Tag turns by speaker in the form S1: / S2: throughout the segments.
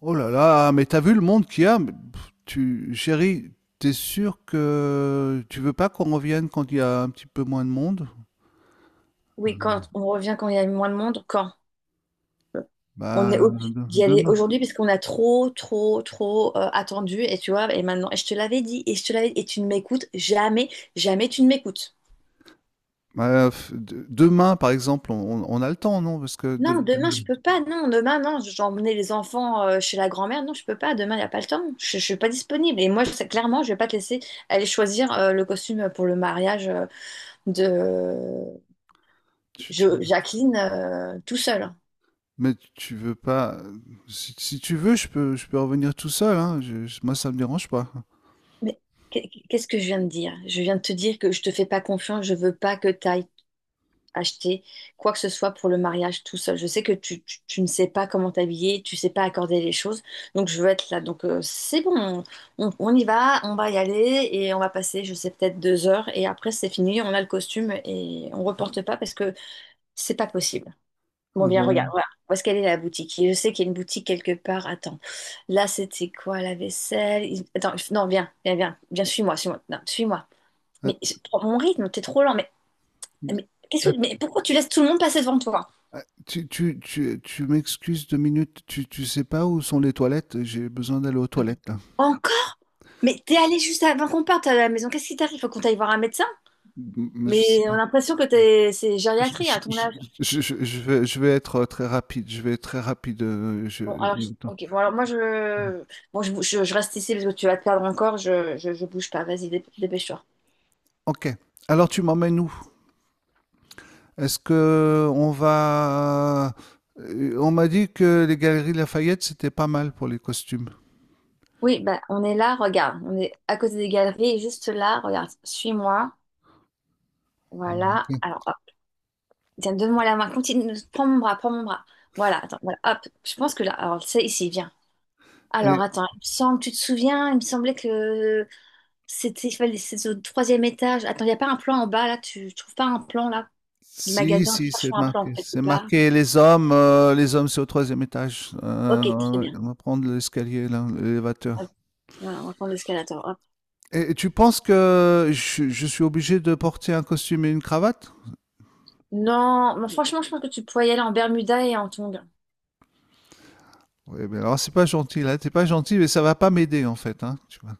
S1: Oh là là, mais t'as vu le monde qu'il y a? Mais, chérie, t'es sûr que tu veux pas qu'on revienne quand il y a un petit peu moins de monde?
S2: Oui, quand on revient quand il y a moins de monde, quand euh, on est
S1: Bah,
S2: obligé d'y aller
S1: demain.
S2: aujourd'hui parce qu'on a trop attendu et tu vois, et maintenant, et je te l'avais dit, et je te l'avais dit, et tu ne m'écoutes jamais, jamais tu ne m'écoutes.
S1: Bah, demain, par exemple, on a le temps, non? Parce que
S2: Non,
S1: de-
S2: demain je peux pas, non, demain non, j'ai emmené les enfants chez la grand-mère, non, je peux pas, demain il n'y a pas le temps, je suis pas disponible. Et moi, clairement, je vais pas te laisser aller choisir le costume pour le mariage de
S1: tu- tu-
S2: Jacqueline tout seul.
S1: mais tu veux pas. Si, tu veux, je peux revenir tout seul, hein. Moi, ça me dérange pas.
S2: Mais qu'est-ce que je viens de dire? Je viens de te dire que je te fais pas confiance, je veux pas que tu ailles acheter quoi que ce soit pour le mariage tout seul. Je sais que tu ne sais pas comment t'habiller, tu sais pas accorder les choses, donc je veux être là. Donc c'est bon, on y va, on va y aller et on va passer, je sais, peut-être 2 heures et après c'est fini, on a le costume et on reporte pas parce que c'est pas possible. Bon, viens, regarde,
S1: Bon.
S2: voilà. Où est-ce qu'elle est la boutique? Et je sais qu'il y a une boutique quelque part. Attends, là c'était quoi la vaisselle? Attends, non, viens, suis-moi, suis-moi, non, suis-moi. Mais
S1: Att-
S2: prends mon rythme, t'es trop lent.
S1: mais-
S2: Mais
S1: att-
S2: mais pourquoi tu laisses tout le monde passer devant toi?
S1: tu m'excuses 2 minutes. Tu sais pas où sont les toilettes? J'ai besoin d'aller aux toilettes, là.
S2: Encore? Mais t'es allé juste avant qu'on parte à la maison. Qu'est-ce qui t'arrive? Faut qu'on t'aille voir un médecin?
S1: M- mais je-
S2: Mais on a l'impression que t'es, c'est
S1: Je
S2: gériatrie à ton
S1: je
S2: âge.
S1: je je je vais je vais être, très rapide. Je vais être très rapide. Je
S2: Bon, alors,
S1: Attends.
S2: ok, bon, alors moi je, bon, je, bou- je reste ici parce que tu vas te perdre encore. Je bouge pas. Vas-y, dépêche-toi.
S1: OK, alors tu m'emmènes où? Est-ce que on va, On m'a dit que les Galeries Lafayette, c'était pas mal pour les costumes.
S2: Oui, bah, on est là, regarde, on est à côté des galeries, et juste là, regarde, suis-moi,
S1: Oh,
S2: voilà,
S1: ok.
S2: alors, hop, tiens, donne-moi la main, continue, prends mon bras, voilà, attends, voilà, hop, je pense que là, alors, c'est ici, viens. Alors,
S1: Et
S2: attends, il me semble, tu te souviens, il me semblait que c'était, c'est au troisième étage, attends, il n'y a pas un plan en bas, là, tu trouves pas un plan, là, du
S1: Si,
S2: magasin,
S1: si,
S2: cherche
S1: c'est
S2: un plan,
S1: marqué,
S2: quelque
S1: c'est
S2: part.
S1: marqué les hommes. Les hommes, c'est au troisième étage.
S2: Ok, très bien,
S1: On va prendre l'escalier là, l'élévateur.
S2: hop, voilà, on va prendre l'escalator, hop.
S1: Et tu penses que je suis obligé de porter un costume et une cravate?
S2: Non, mais franchement, je pense que tu pourrais y aller en Bermuda et en tongs.
S1: Oui, mais alors c'est pas gentil, là, t'es pas gentil. Mais ça va pas m'aider en fait, hein, tu vois.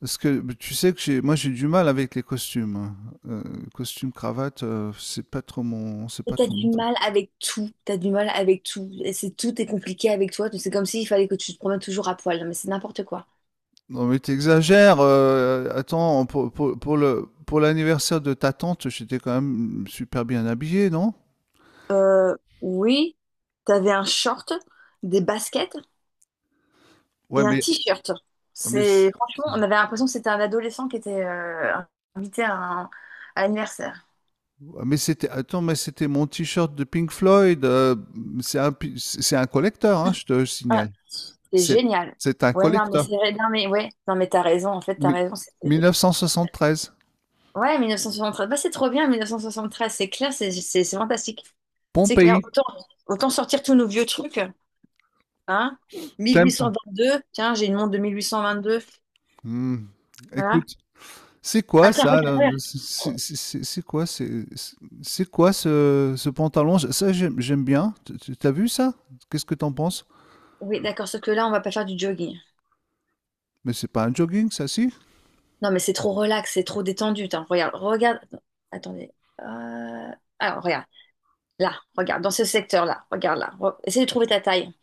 S1: Parce que mais tu sais que moi j'ai du mal avec les costumes, hein. Euh, Costume cravate, c'est pas trop mon, c'est
S2: Et
S1: pas
S2: t'as
S1: trop
S2: du
S1: mon truc.
S2: mal avec tout, t'as du mal avec tout. Et c'est tout est compliqué avec toi. C'est comme s'il fallait que tu te promènes toujours à poil. Non, mais c'est n'importe quoi.
S1: Non mais t'exagères. Attends, pour l'anniversaire de ta tante, j'étais quand même super bien habillé, non?
S2: Euh, oui, t'avais un short, des baskets
S1: Ouais,
S2: et un t-shirt.
S1: mais
S2: C'est
S1: c-
S2: franchement, on avait l'impression que c'était un adolescent qui était invité à à l'anniversaire.
S1: ouais, mais c'était attends, mais c'était mon t-shirt de Pink Floyd. C'est un collecteur, hein, je te
S2: Ah,
S1: signale.
S2: c'est
S1: C'est
S2: génial.
S1: c'est un
S2: Ouais, non, mais
S1: collecteur.
S2: c'est vrai. Non, mais ouais, non, mais t'as raison. En fait, t'as
S1: Mi-
S2: raison.
S1: 1973.
S2: Ouais, 1973. Bah, c'est trop bien, 1973. C'est clair, c'est fantastique. C'est clair.
S1: Pompéi.
S2: Autant, autant sortir tous nos vieux trucs. Hein?
S1: Tempa.
S2: 1822. Tiens, j'ai une montre de 1822.
S1: Hmm.
S2: Voilà.
S1: Écoute, c'est
S2: Ah,
S1: quoi
S2: tiens,
S1: ça là?
S2: regarde. Re-
S1: C'est quoi ce pantalon? Ça, j'aime bien. T'as vu ça? Qu'est-ce que t'en penses?
S2: Oui, d'accord. Sauf que là, on va pas faire du jogging.
S1: Mais c'est pas un jogging ça, si?
S2: Non, mais c'est trop relax, c'est trop détendu. Tiens. Regarde. Attendez. Euh, Alors, regarde. Là, regarde. Dans ce secteur-là. Regarde là. Essaye de trouver ta taille.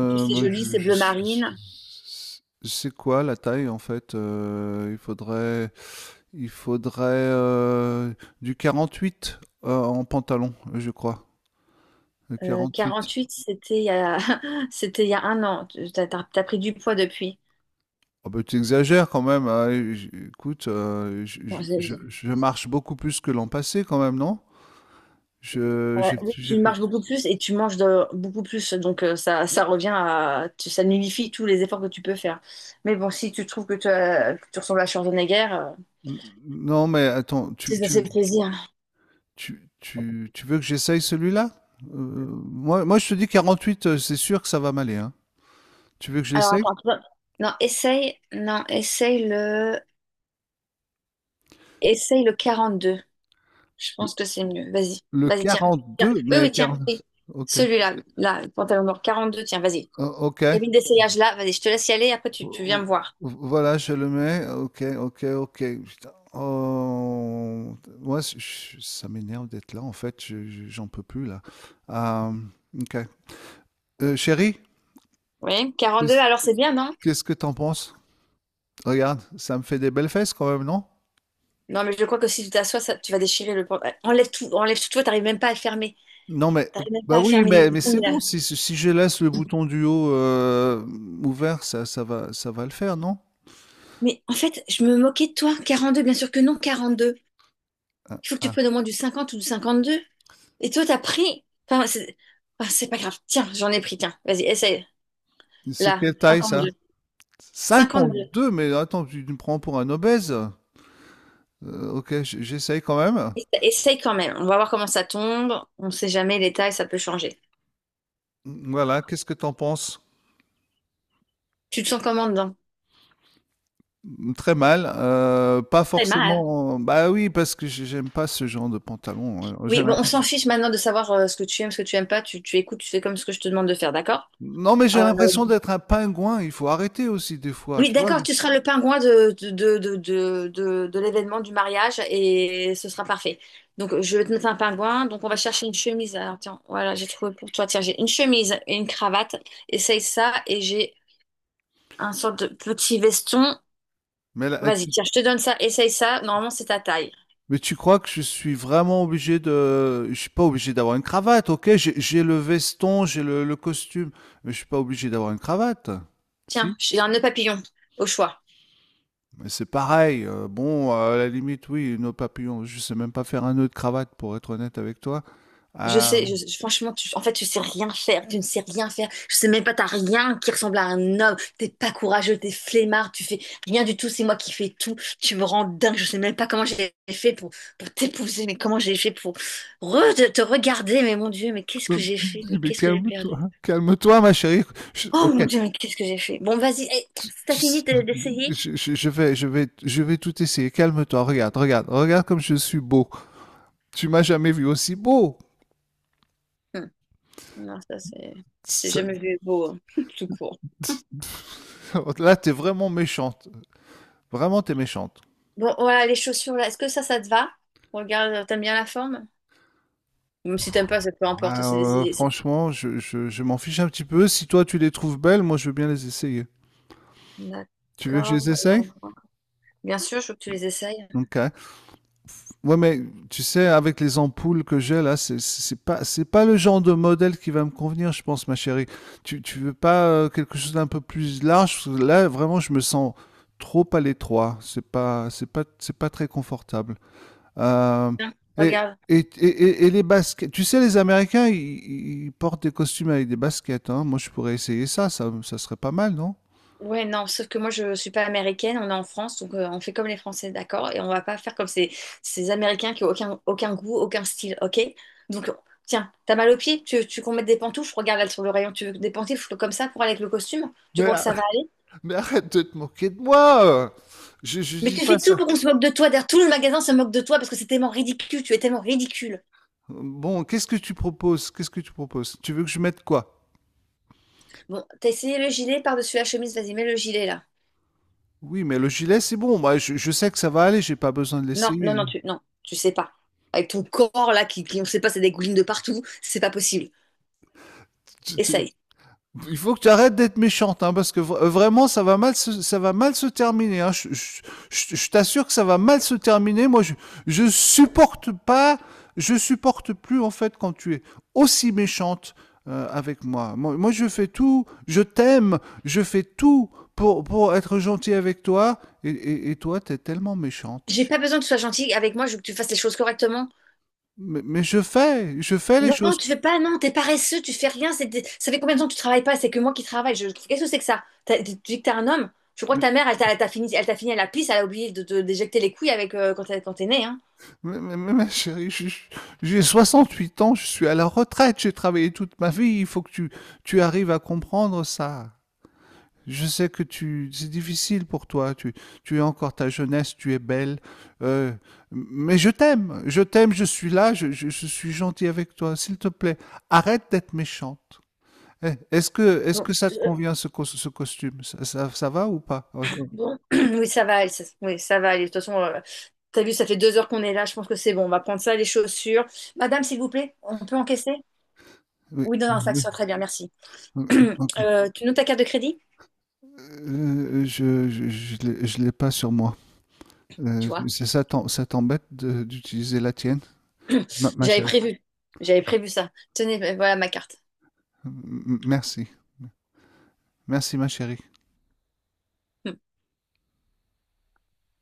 S2: En plus, c'est
S1: Moi,
S2: joli, c'est
S1: je
S2: bleu
S1: suis- je-
S2: marine.
S1: C'est quoi la taille en fait? Il faudrait du 48 en pantalon, je crois. Le 48.
S2: 48, c'était il y a... c'était il y a un an. T'as, t'as pris du poids depuis.
S1: Ah bah, tu exagères quand même, hein. Écoute, je,
S2: Bon,
S1: je- je- je marche beaucoup plus que l'an passé quand même, non? Je,
S2: voilà. Oui,
S1: j'ai
S2: tu
S1: fait.
S2: marches beaucoup plus et tu manges beaucoup plus. Donc, ça, ça revient à... ça nullifie tous les efforts que tu peux faire. Mais bon, si tu trouves que, que tu ressembles à Schwarzenegger,
S1: Non, mais attends,
S2: c'est
S1: tu,
S2: ça, c'est
S1: tu,
S2: le plaisir.
S1: tu, tu, tu veux que j'essaye celui-là? Euh, moi, je te dis 48, c'est sûr que ça va m'aller, hein. Tu veux que je
S2: Alors,
S1: l'essaye?
S2: attends. Non, Non, Essaye le 42. Je
S1: Le
S2: pense que c'est mieux. Vas-y.
S1: le
S2: Vas-y, tiens. Tiens.
S1: deux
S2: Oui,
S1: mais
S2: oui, tiens. Oui.
S1: 40. Ok.
S2: Celui-là, là, pantalon noir 42. Tiens, vas-y.
S1: Oh, ok.
S2: Cabine d'essayage là, vas-y, je te laisse y aller, après
S1: Vo-
S2: tu viens me
S1: vo-
S2: voir.
S1: Voilà, je le mets. Ok, ok, ok. Putain. Oh, moi, ça m'énerve d'être là. En fait, j'en peux plus là. Euh, ok. Chérie,
S2: Oui, 42,
S1: qu'est-ce
S2: alors c'est bien, non?
S1: qu'est-ce que t'en penses? Regarde, ça me fait des belles fesses quand même, non?
S2: Non, mais je crois que si tu t'assois, ça, tu vas déchirer le. Enlève tout, toi, t'arrives même pas à le fermer.
S1: Non, mais
S2: T'arrives même pas
S1: bah
S2: à
S1: oui,
S2: fermer les
S1: mais
S2: boutons,
S1: c'est bon.
S2: là.
S1: Si, je laisse le bouton du haut ouvert, ça va le faire, non?
S2: Mais en fait, je me moquais de toi. 42, bien sûr que non, 42. Il faut que tu
S1: Ah.
S2: prennes au moins du 50 ou du 52. Et toi, t'as pris... Enfin, c'est pas grave. Tiens, j'en ai pris, tiens. Vas-y, essaye.
S1: C'est
S2: Là,
S1: quelle taille ça?
S2: 52.
S1: Cinquante
S2: 52.
S1: deux. Mais attends, tu me prends pour un obèse? Ok, j'essaye quand même.
S2: Essaye quand même. On va voir comment ça tombe. On sait jamais, les tailles, ça peut changer.
S1: Voilà, qu'est-ce que t'en penses?
S2: Tu te sens comment dedans?
S1: Très mal, pas
S2: Très mal.
S1: forcément. Bah, oui, parce que j'aime pas ce genre de pantalon. J'ai
S2: Oui, bon, on
S1: l'impression
S2: s'en fiche maintenant de savoir ce que tu aimes, ce que tu aimes pas. Tu écoutes, tu fais comme ce que je te demande de faire, d'accord?
S1: non, mais j'ai
S2: Euh,
S1: l'impression d'être un pingouin. Il faut arrêter aussi des fois,
S2: oui,
S1: tu vois?
S2: d'accord, tu seras le pingouin de l'événement du mariage et ce sera parfait. Donc, je vais te mettre un pingouin. Donc, on va chercher une chemise. Alors, tiens, voilà, j'ai trouvé pour toi. Tiens, j'ai une chemise et une cravate. Essaye ça et j'ai un sorte de petit veston.
S1: Mais là,
S2: Vas-y,
S1: tu
S2: tiens, je te donne ça. Essaye ça. Normalement, c'est ta taille.
S1: mais tu crois que je suis vraiment obligé de, je suis pas obligé d'avoir une cravate. OK, j'ai le veston, j'ai le costume, mais je suis pas obligé d'avoir une cravate.
S2: Tiens,
S1: Si?
S2: j'ai un nœud papillon au choix.
S1: Mais c'est pareil. Bon, à la limite, oui, nœud papillon, je sais même pas faire un nœud de cravate pour être honnête avec toi.
S2: Je sais,
S1: Hem
S2: franchement, tu sais rien faire, tu ne sais rien faire. Je sais même pas, t'as rien qui ressemble à un homme. T'es pas courageux, t'es flemmard, tu fais rien du tout. C'est moi qui fais tout. Tu me rends dingue. Je sais même pas comment j'ai fait pour t'épouser, mais comment j'ai fait pour te regarder. Mais mon Dieu, mais qu'est-ce
S1: Je
S2: que j'ai fait? Mais
S1: dis, mais
S2: qu'est-ce que j'ai perdu?
S1: calme-toi, calme-toi, ma chérie.
S2: Oh
S1: Ok.
S2: mon Dieu, mais qu'est-ce que j'ai fait? Bon, vas-y, hey, t'as
S1: Tu sais-
S2: fini d'essayer?
S1: je vais tout essayer. Calme-toi. Regarde, regarde, regarde comme je suis beau. Tu m'as jamais vu aussi beau.
S2: Hmm. Non, ça c'est, j'ai
S1: Ça-
S2: jamais vu beau, hein, tout court.
S1: Là, t'es vraiment méchante. Vraiment, t'es méchante.
S2: Bon, voilà, les chaussures là. Est-ce que ça te va? Regarde, t'aimes bien la forme? Même si t'aimes pas, ça peu importe,
S1: Ah,
S2: c'est décidé.
S1: Franchement, je m'en fiche un petit peu. Si toi, tu les trouves belles, moi, je veux bien les essayer. Tu veux que je
S2: D'accord,
S1: les essaye?
S2: voyons. Bien sûr, je veux que tu les essayes.
S1: Ok. Ouais, mais tu sais, avec les ampoules que j'ai là, c'est pas le genre de modèle qui va me convenir, je pense, ma chérie. Tu veux pas quelque chose d'un peu plus large? Parce que là, vraiment, je me sens trop à l'étroit. C'est pas très confortable. Euh,
S2: Tiens,
S1: et
S2: regarde.
S1: et, et, et- et les baskets, tu sais, les Américains, ils portent des costumes avec des baskets, hein. Moi, je pourrais essayer ça, ça serait pas mal, non?
S2: Ouais, non, sauf que moi je suis pas américaine, on est en France, donc on fait comme les Français, d'accord? Et on va pas faire comme ces Américains qui ont aucun goût, aucun style, ok? Donc, tiens, t'as mal aux pieds? Tu veux qu'on mette des pantoufles? Regarde là sur le rayon, tu veux des pantoufles comme ça pour aller avec le costume? Tu
S1: Mais,
S2: crois que ça va aller?
S1: arrête de te moquer de moi! Je
S2: Mais
S1: dis
S2: tu
S1: pas
S2: fais tout
S1: ça.
S2: pour qu'on se moque de toi, d'ailleurs tout le magasin se moque de toi parce que c'est tellement ridicule, tu es tellement ridicule.
S1: Bon, qu'est-ce que tu proposes? Qu'est-ce que tu proposes? Tu veux que je mette quoi?
S2: Bon, t'as essayé le gilet par-dessus la chemise, vas-y, mets le gilet là.
S1: Oui, mais le gilet, c'est bon. Moi, je sais que ça va aller. J'ai pas besoin de
S2: Non, non,
S1: l'essayer.
S2: non, non, tu sais pas. Avec ton corps là qui on sait pas, ça dégouline de partout, c'est pas possible.
S1: Tu- tu-
S2: Essaye.
S1: Il faut que tu arrêtes d'être méchante, hein, parce que vraiment, ça va mal se terminer. Hein. Je t'assure que ça va mal se terminer. Moi, je supporte pas, je supporte plus en fait quand tu es aussi méchante avec moi. Moi. Moi, je fais tout. Je t'aime. Je fais tout pour être gentil avec toi. Et toi, t'es tellement méchante.
S2: J'ai pas besoin que tu sois gentil avec moi, je veux que tu fasses les choses correctement.
S1: Mais je fais les
S2: Non,
S1: choses.
S2: tu fais pas, non, t'es paresseux, tu fais rien. Ça fait combien de temps que tu travailles pas? C'est que moi qui travaille. Je... Qu'est-ce que c'est que ça? Tu dis que t'es un homme? Je crois que
S1: Mais,
S2: ta mère, elle t'a fini à la pisse, elle a oublié de te déjecter les couilles avec quand t'es né, hein.
S1: mais chérie, j'ai 68 ans, je suis à la retraite, j'ai travaillé toute ma vie, il faut que tu arrives à comprendre ça. Je sais que c'est difficile pour toi, tu es encore ta jeunesse, tu es belle, euh, mais je t'aime, je t'aime, je suis là, je suis gentil avec toi, s'il te plaît, arrête d'être méchante. Eh, Est-ce que, est-ce
S2: Bon,
S1: que ça te convient ce, ce costume? Ça va ou pas? Oh, oh.
S2: bon. Oui, ça va, oui, ça va aller. De toute façon, t'as vu, ça fait 2 heures qu'on est là. Je pense que c'est bon. On va prendre ça, les chaussures. Madame, s'il vous plaît, on peut encaisser?
S1: Oui.
S2: Oui, non,
S1: Oui.
S2: non, ça te soit très bien, merci.
S1: Oui, oui, ok.
S2: Tu notes ta carte de crédit?
S1: Je l'ai pas sur moi.
S2: Tu vois,
S1: C'est, ça t'embête d'utiliser la tienne, ma, ma
S2: j'avais
S1: chérie?
S2: prévu. J'avais prévu ça. Tenez, ben, voilà ma carte.
S1: Merci, merci ma chérie.
S2: Hmm.